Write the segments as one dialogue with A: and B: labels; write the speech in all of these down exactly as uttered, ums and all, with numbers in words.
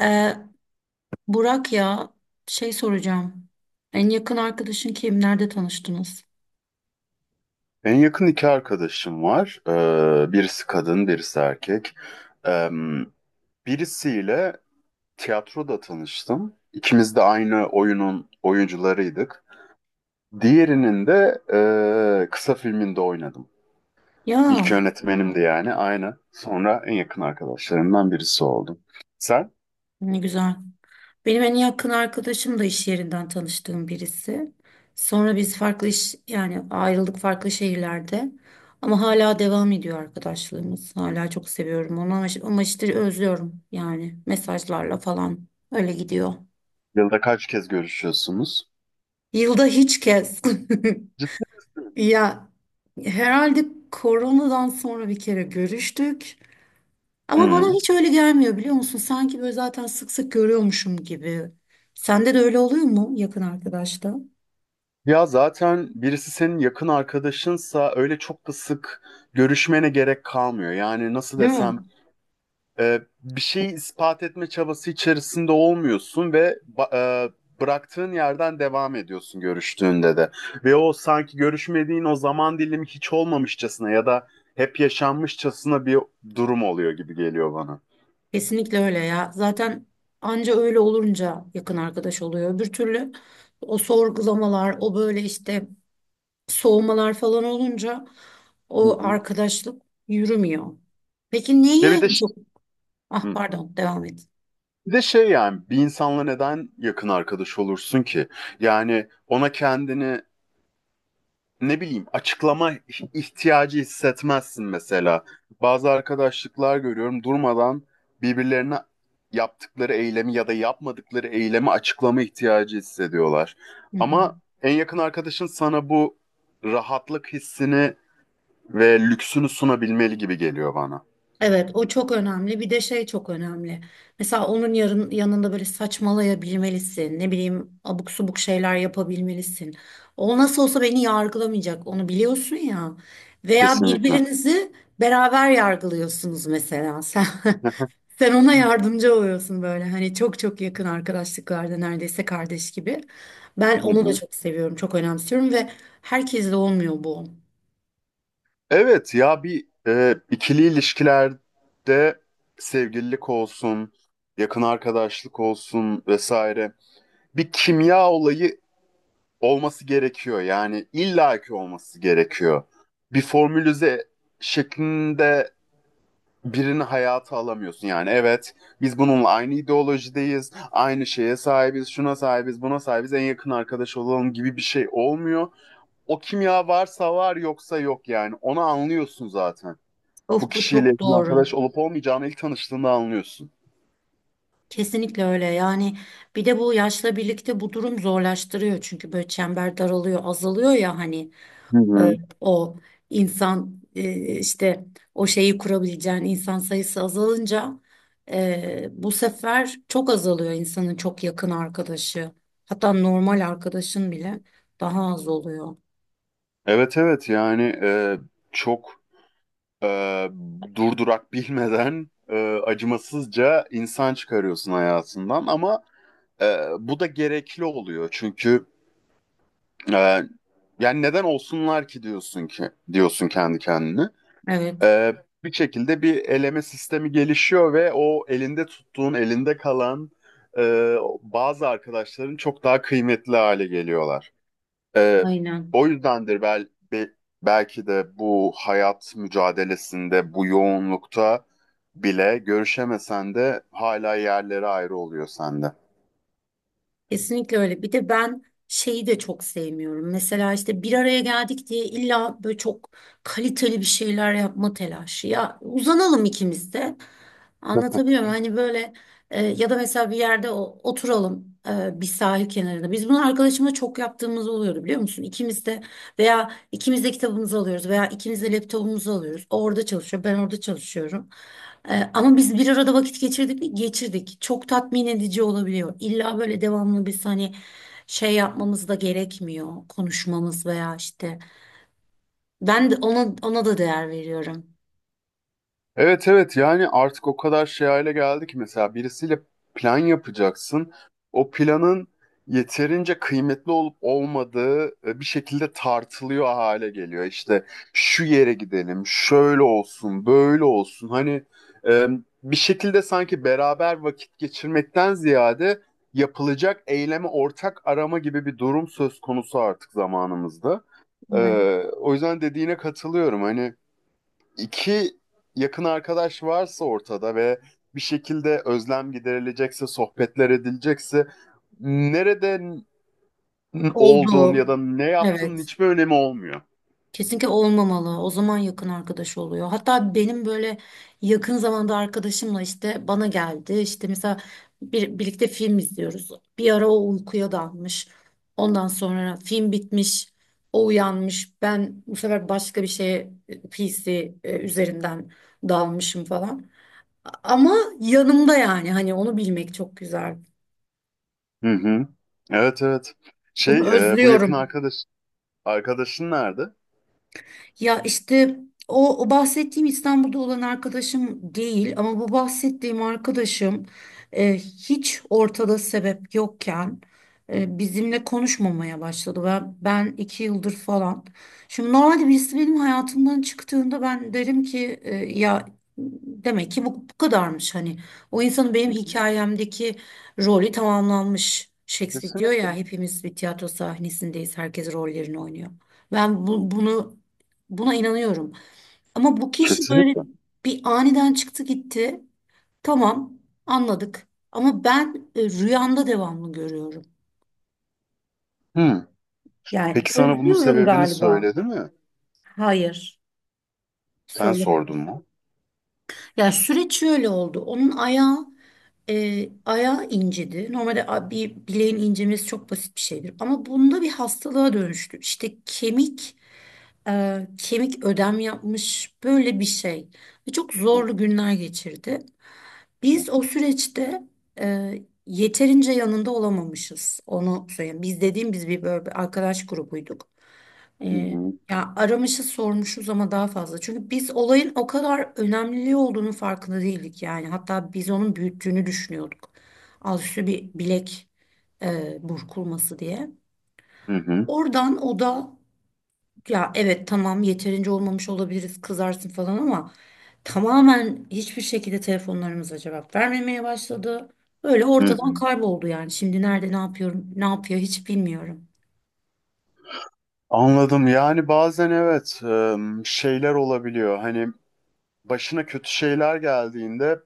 A: Ee, Burak ya şey soracağım. En yakın arkadaşın kim? Nerede tanıştınız?
B: En yakın iki arkadaşım var. Ee, birisi kadın, birisi erkek. Ee, birisiyle tiyatroda tanıştım. İkimiz de aynı oyunun oyuncularıydık. Diğerinin de e, kısa filminde oynadım. İlk
A: Ya
B: yönetmenimdi yani aynı. Sonra en yakın arkadaşlarımdan birisi oldum. Sen
A: ne güzel. Benim en yakın arkadaşım da iş yerinden tanıştığım birisi. Sonra biz farklı iş yani ayrıldık farklı şehirlerde. Ama hala devam ediyor arkadaşlığımız. Hala çok seviyorum onu ama, ama işte özlüyorum yani mesajlarla falan öyle gidiyor.
B: yılda kaç kez görüşüyorsunuz?
A: Yılda hiç kez.
B: Ciddi
A: Ya herhalde koronadan sonra bir kere görüştük. Ama bana
B: misin?
A: hiç öyle gelmiyor biliyor musun? Sanki böyle zaten sık sık görüyormuşum gibi. Sende de öyle oluyor mu yakın arkadaşta?
B: Ya zaten birisi senin yakın arkadaşınsa öyle çok da sık görüşmene gerek kalmıyor. Yani nasıl
A: Değil mi?
B: desem e, bir şeyi ispat etme çabası içerisinde olmuyorsun ve ba- e, bıraktığın yerden devam ediyorsun görüştüğünde de. Ve o sanki görüşmediğin o zaman dilimi hiç olmamışçasına ya da hep yaşanmışçasına bir durum oluyor gibi geliyor bana.
A: Kesinlikle öyle ya. Zaten anca öyle olunca yakın arkadaş oluyor. Öbür türlü o sorgulamalar, o böyle işte soğumalar falan olunca
B: Hı
A: o
B: hı.
A: arkadaşlık yürümüyor. Peki neyi
B: Ve bir de
A: en
B: ş-
A: çok... Ah
B: Hı.
A: pardon devam et.
B: Bir de şey yani bir insanla neden yakın arkadaş olursun ki? Yani ona kendini ne bileyim açıklama ihtiyacı hissetmezsin mesela. Bazı arkadaşlıklar görüyorum durmadan birbirlerine yaptıkları eylemi ya da yapmadıkları eylemi açıklama ihtiyacı hissediyorlar.
A: Hı hı.
B: Ama en yakın arkadaşın sana bu rahatlık hissini ve lüksünü sunabilmeli gibi geliyor bana.
A: Evet, o çok önemli. Bir de şey çok önemli. Mesela onun yarın yanında böyle saçmalayabilmelisin. Ne bileyim, abuk subuk şeyler yapabilmelisin. O nasıl olsa beni yargılamayacak. Onu biliyorsun ya. Veya
B: Kesinlikle.
A: birbirinizi beraber yargılıyorsunuz mesela. Sen sen ona yardımcı oluyorsun böyle. Hani çok çok yakın arkadaşlıklarda neredeyse kardeş gibi. Ben
B: Hı
A: onu da
B: hı.
A: çok seviyorum, çok önemsiyorum ve herkesle olmuyor bu.
B: Evet ya bir e, ikili ilişkilerde sevgililik olsun, yakın arkadaşlık olsun vesaire. Bir kimya olayı olması gerekiyor. Yani illaki olması gerekiyor. Bir formülize şeklinde birini hayata alamıyorsun. Yani evet biz bununla aynı ideolojideyiz, aynı şeye sahibiz, şuna sahibiz, buna sahibiz, en yakın arkadaş olalım gibi bir şey olmuyor. O kimya varsa var yoksa yok yani. Onu anlıyorsun zaten. Bu
A: Of bu
B: kişiyle
A: çok
B: yakın
A: doğru.
B: arkadaş olup olmayacağını ilk tanıştığında anlıyorsun.
A: Kesinlikle öyle yani bir de bu yaşla birlikte bu durum zorlaştırıyor çünkü böyle çember daralıyor azalıyor ya hani
B: Hı
A: e,
B: hı.
A: o insan e, işte o şeyi kurabileceğin insan sayısı azalınca e, bu sefer çok azalıyor insanın çok yakın arkadaşı hatta normal arkadaşın bile daha az oluyor.
B: Evet evet yani e, çok e, durdurak bilmeden e, acımasızca insan çıkarıyorsun hayatından ama e, bu da gerekli oluyor çünkü e, yani neden olsunlar ki diyorsun ki diyorsun kendi kendine.
A: Evet
B: E, Bir şekilde bir eleme sistemi gelişiyor ve o elinde tuttuğun elinde kalan e, bazı arkadaşların çok daha kıymetli hale geliyorlar. Ee,
A: aynen.
B: o yüzdendir bel, be- belki de bu hayat mücadelesinde, bu yoğunlukta bile görüşemesen de hala yerleri ayrı oluyor sende.
A: Kesinlikle öyle. Bir de ben şeyi de çok sevmiyorum. Mesela işte bir araya geldik diye illa böyle çok kaliteli bir şeyler yapma telaşı. Ya uzanalım ikimiz de. Anlatabiliyor muyum? Hani böyle e, ya da mesela bir yerde o- oturalım e, bir sahil kenarında. Biz bunu arkadaşımla çok yaptığımız oluyordu biliyor musun? İkimiz de veya ikimiz de kitabımızı alıyoruz veya ikimiz de laptopumuzu alıyoruz. O orada çalışıyor, ben orada çalışıyorum. Ee, ama biz bir arada vakit geçirdik mi? Geçirdik. Çok tatmin edici olabiliyor. İlla böyle devamlı biz hani şey yapmamız da gerekmiyor. Konuşmamız veya işte. Ben de ona, ona da değer veriyorum.
B: Evet evet yani artık o kadar şey hale geldi ki mesela birisiyle plan yapacaksın. O planın yeterince kıymetli olup olmadığı e, bir şekilde tartılıyor hale geliyor. İşte şu yere gidelim, şöyle olsun, böyle olsun. Hani e, bir şekilde sanki beraber vakit geçirmekten ziyade yapılacak eyleme ortak arama gibi bir durum söz konusu artık zamanımızda. E,
A: Evet.
B: O yüzden dediğine katılıyorum. Hani iki yakın arkadaş varsa ortada ve bir şekilde özlem giderilecekse, sohbetler edilecekse nereden olduğun
A: Oldu.
B: ya da ne yaptığının
A: Evet.
B: hiçbir önemi olmuyor.
A: Kesinlikle olmamalı. O zaman yakın arkadaş oluyor. Hatta benim böyle yakın zamanda arkadaşımla işte bana geldi. İşte mesela bir, birlikte film izliyoruz. Bir ara o uykuya dalmış. Ondan sonra film bitmiş. O uyanmış. Ben bu sefer başka bir şeye e, P C e, üzerinden dalmışım falan. Ama yanımda yani hani onu bilmek çok güzel.
B: Hı hı. Evet evet. Şey
A: Bunu
B: e, bu yakın
A: özlüyorum.
B: arkadaş arkadaşın nerede? Hı
A: Ya işte o, o bahsettiğim İstanbul'da olan arkadaşım değil ama bu bahsettiğim arkadaşım e, hiç ortada sebep yokken e, bizimle konuşmamaya başladı. Ben, ben iki yıldır falan. Şimdi normalde birisi benim hayatımdan çıktığında ben derim ki e, ya demek ki bu, bu kadarmış hani. O insanın benim
B: hı.
A: hikayemdeki rolü tamamlanmış. Shakespeare diyor
B: Kesinlikle.
A: ya hepimiz bir tiyatro sahnesindeyiz. Herkes rollerini oynuyor. Ben bu- bunu Buna inanıyorum. Ama bu kişi böyle
B: Kesinlikle.
A: bir aniden çıktı gitti. Tamam, anladık. Ama ben e, rüyamda devamlı görüyorum.
B: Hı.
A: Yani
B: Peki sana bunun
A: özlüyorum
B: sebebini
A: galiba.
B: söyledi mi?
A: Hayır,
B: Sen
A: söylemedim.
B: sordun mu?
A: Ya süreç şöyle oldu. Onun ayağı e, ayağı incedi. Normalde a- bir bileğin incemesi çok basit bir şeydir. Ama bunda bir hastalığa dönüştü. İşte kemik e, kemik ödem yapmış böyle bir şey ve çok
B: Hı
A: zorlu günler geçirdi.
B: hı.
A: Biz o süreçte e, yeterince yanında olamamışız. Onu söyleyeyim. Biz dediğim biz bir böyle bir arkadaş grubuyduk.
B: Hı
A: E,
B: hı.
A: ya aramışız sormuşuz ama daha fazla. Çünkü biz olayın o kadar önemli olduğunu farkında değildik yani. Hatta biz onun büyüttüğünü düşünüyorduk. Alt üstü bir bilek e, burkulması diye.
B: Hı hı.
A: Oradan o da ya evet tamam yeterince olmamış olabiliriz kızarsın falan ama tamamen hiçbir şekilde telefonlarımıza cevap vermemeye başladı. Öyle
B: Hı hı.
A: ortadan kayboldu yani. Şimdi nerede ne yapıyorum ne yapıyor hiç bilmiyorum.
B: Anladım. Yani bazen evet e, şeyler olabiliyor. Hani başına kötü şeyler geldiğinde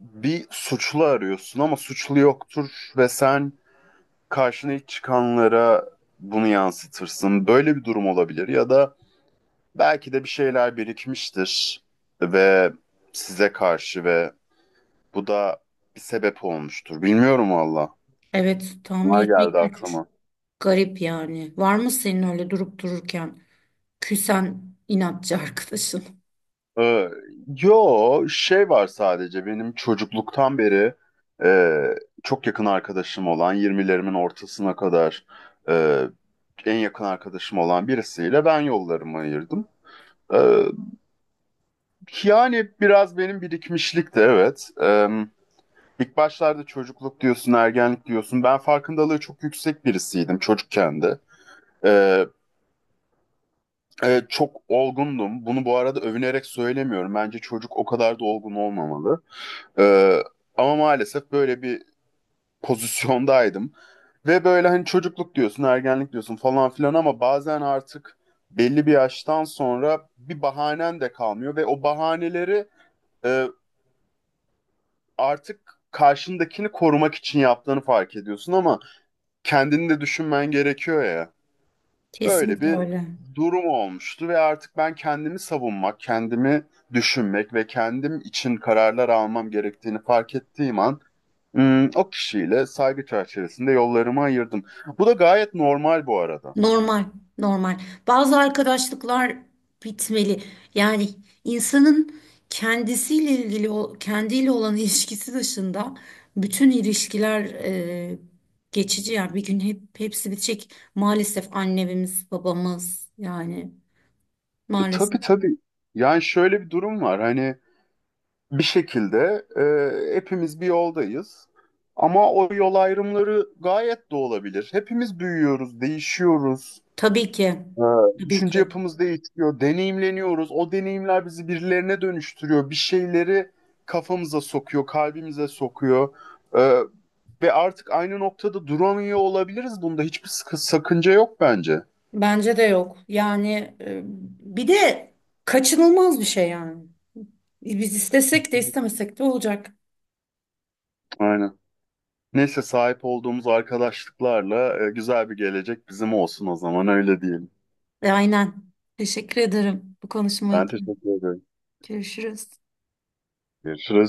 B: bir suçlu arıyorsun ama suçlu yoktur ve sen karşına ilk çıkanlara bunu yansıtırsın. Böyle bir durum olabilir ya da belki de bir şeyler birikmiştir ve size karşı ve bu da bir sebep olmuştur. Bilmiyorum valla.
A: Evet tahmin
B: Bunlar
A: etmek
B: geldi
A: güç.
B: aklıma.
A: Garip yani. Var mı senin öyle durup dururken küsen inatçı arkadaşın?
B: Ee, yo şey var sadece benim çocukluktan beri e, çok yakın arkadaşım olan yirmilerimin ortasına kadar e, en yakın arkadaşım olan birisiyle ben yollarımı ayırdım. Ee, yani biraz benim birikmişlik de evet. Ee, ilk başlarda çocukluk diyorsun, ergenlik diyorsun. Ben farkındalığı çok yüksek birisiydim çocukken de. Ee, e, çok olgundum. Bunu bu arada övünerek söylemiyorum. Bence çocuk o kadar da olgun olmamalı. Ee, ama maalesef böyle bir pozisyondaydım. Ve böyle hani çocukluk diyorsun, ergenlik diyorsun falan filan ama bazen artık belli bir yaştan sonra bir bahanen de kalmıyor ve o bahaneleri e, artık karşındakini korumak için yaptığını fark ediyorsun ama kendini de düşünmen gerekiyor ya. Böyle
A: Kesinlikle
B: bir
A: öyle.
B: durum olmuştu ve artık ben kendimi savunmak, kendimi düşünmek ve kendim için kararlar almam gerektiğini fark ettiğim an, Hmm, o kişiyle saygı çerçevesinde yollarımı ayırdım. Bu da gayet normal bu arada.
A: Normal, normal. Bazı arkadaşlıklar bitmeli. Yani insanın kendisiyle ilgili, o- kendiyle olan ilişkisi dışında bütün ilişkiler e, geçici. Yani bir gün hep hepsi bitecek. Maalesef annemiz, babamız yani
B: E,
A: maalesef.
B: tabii tabii. Yani şöyle bir durum var. Hani bir şekilde e, hepimiz bir yoldayız. Ama o yol ayrımları gayet de olabilir. Hepimiz büyüyoruz, değişiyoruz.
A: Tabii ki,
B: E,
A: tabii
B: düşünce
A: ki.
B: yapımız değişiyor, deneyimleniyoruz. O deneyimler bizi birilerine dönüştürüyor. Bir şeyleri kafamıza sokuyor, kalbimize sokuyor. E, ve artık aynı noktada duramıyor olabiliriz. Bunda hiçbir sıkı- sakınca yok bence.
A: Bence de yok. Yani e, bir de kaçınılmaz bir şey yani. Biz istesek de istemesek de olacak.
B: Aynen. Neyse sahip olduğumuz arkadaşlıklarla e, güzel bir gelecek bizim olsun o zaman öyle diyelim.
A: Aynen. Teşekkür ederim bu konuşma
B: Ben
A: için.
B: teşekkür ederim.
A: Görüşürüz.
B: Görüşürüz.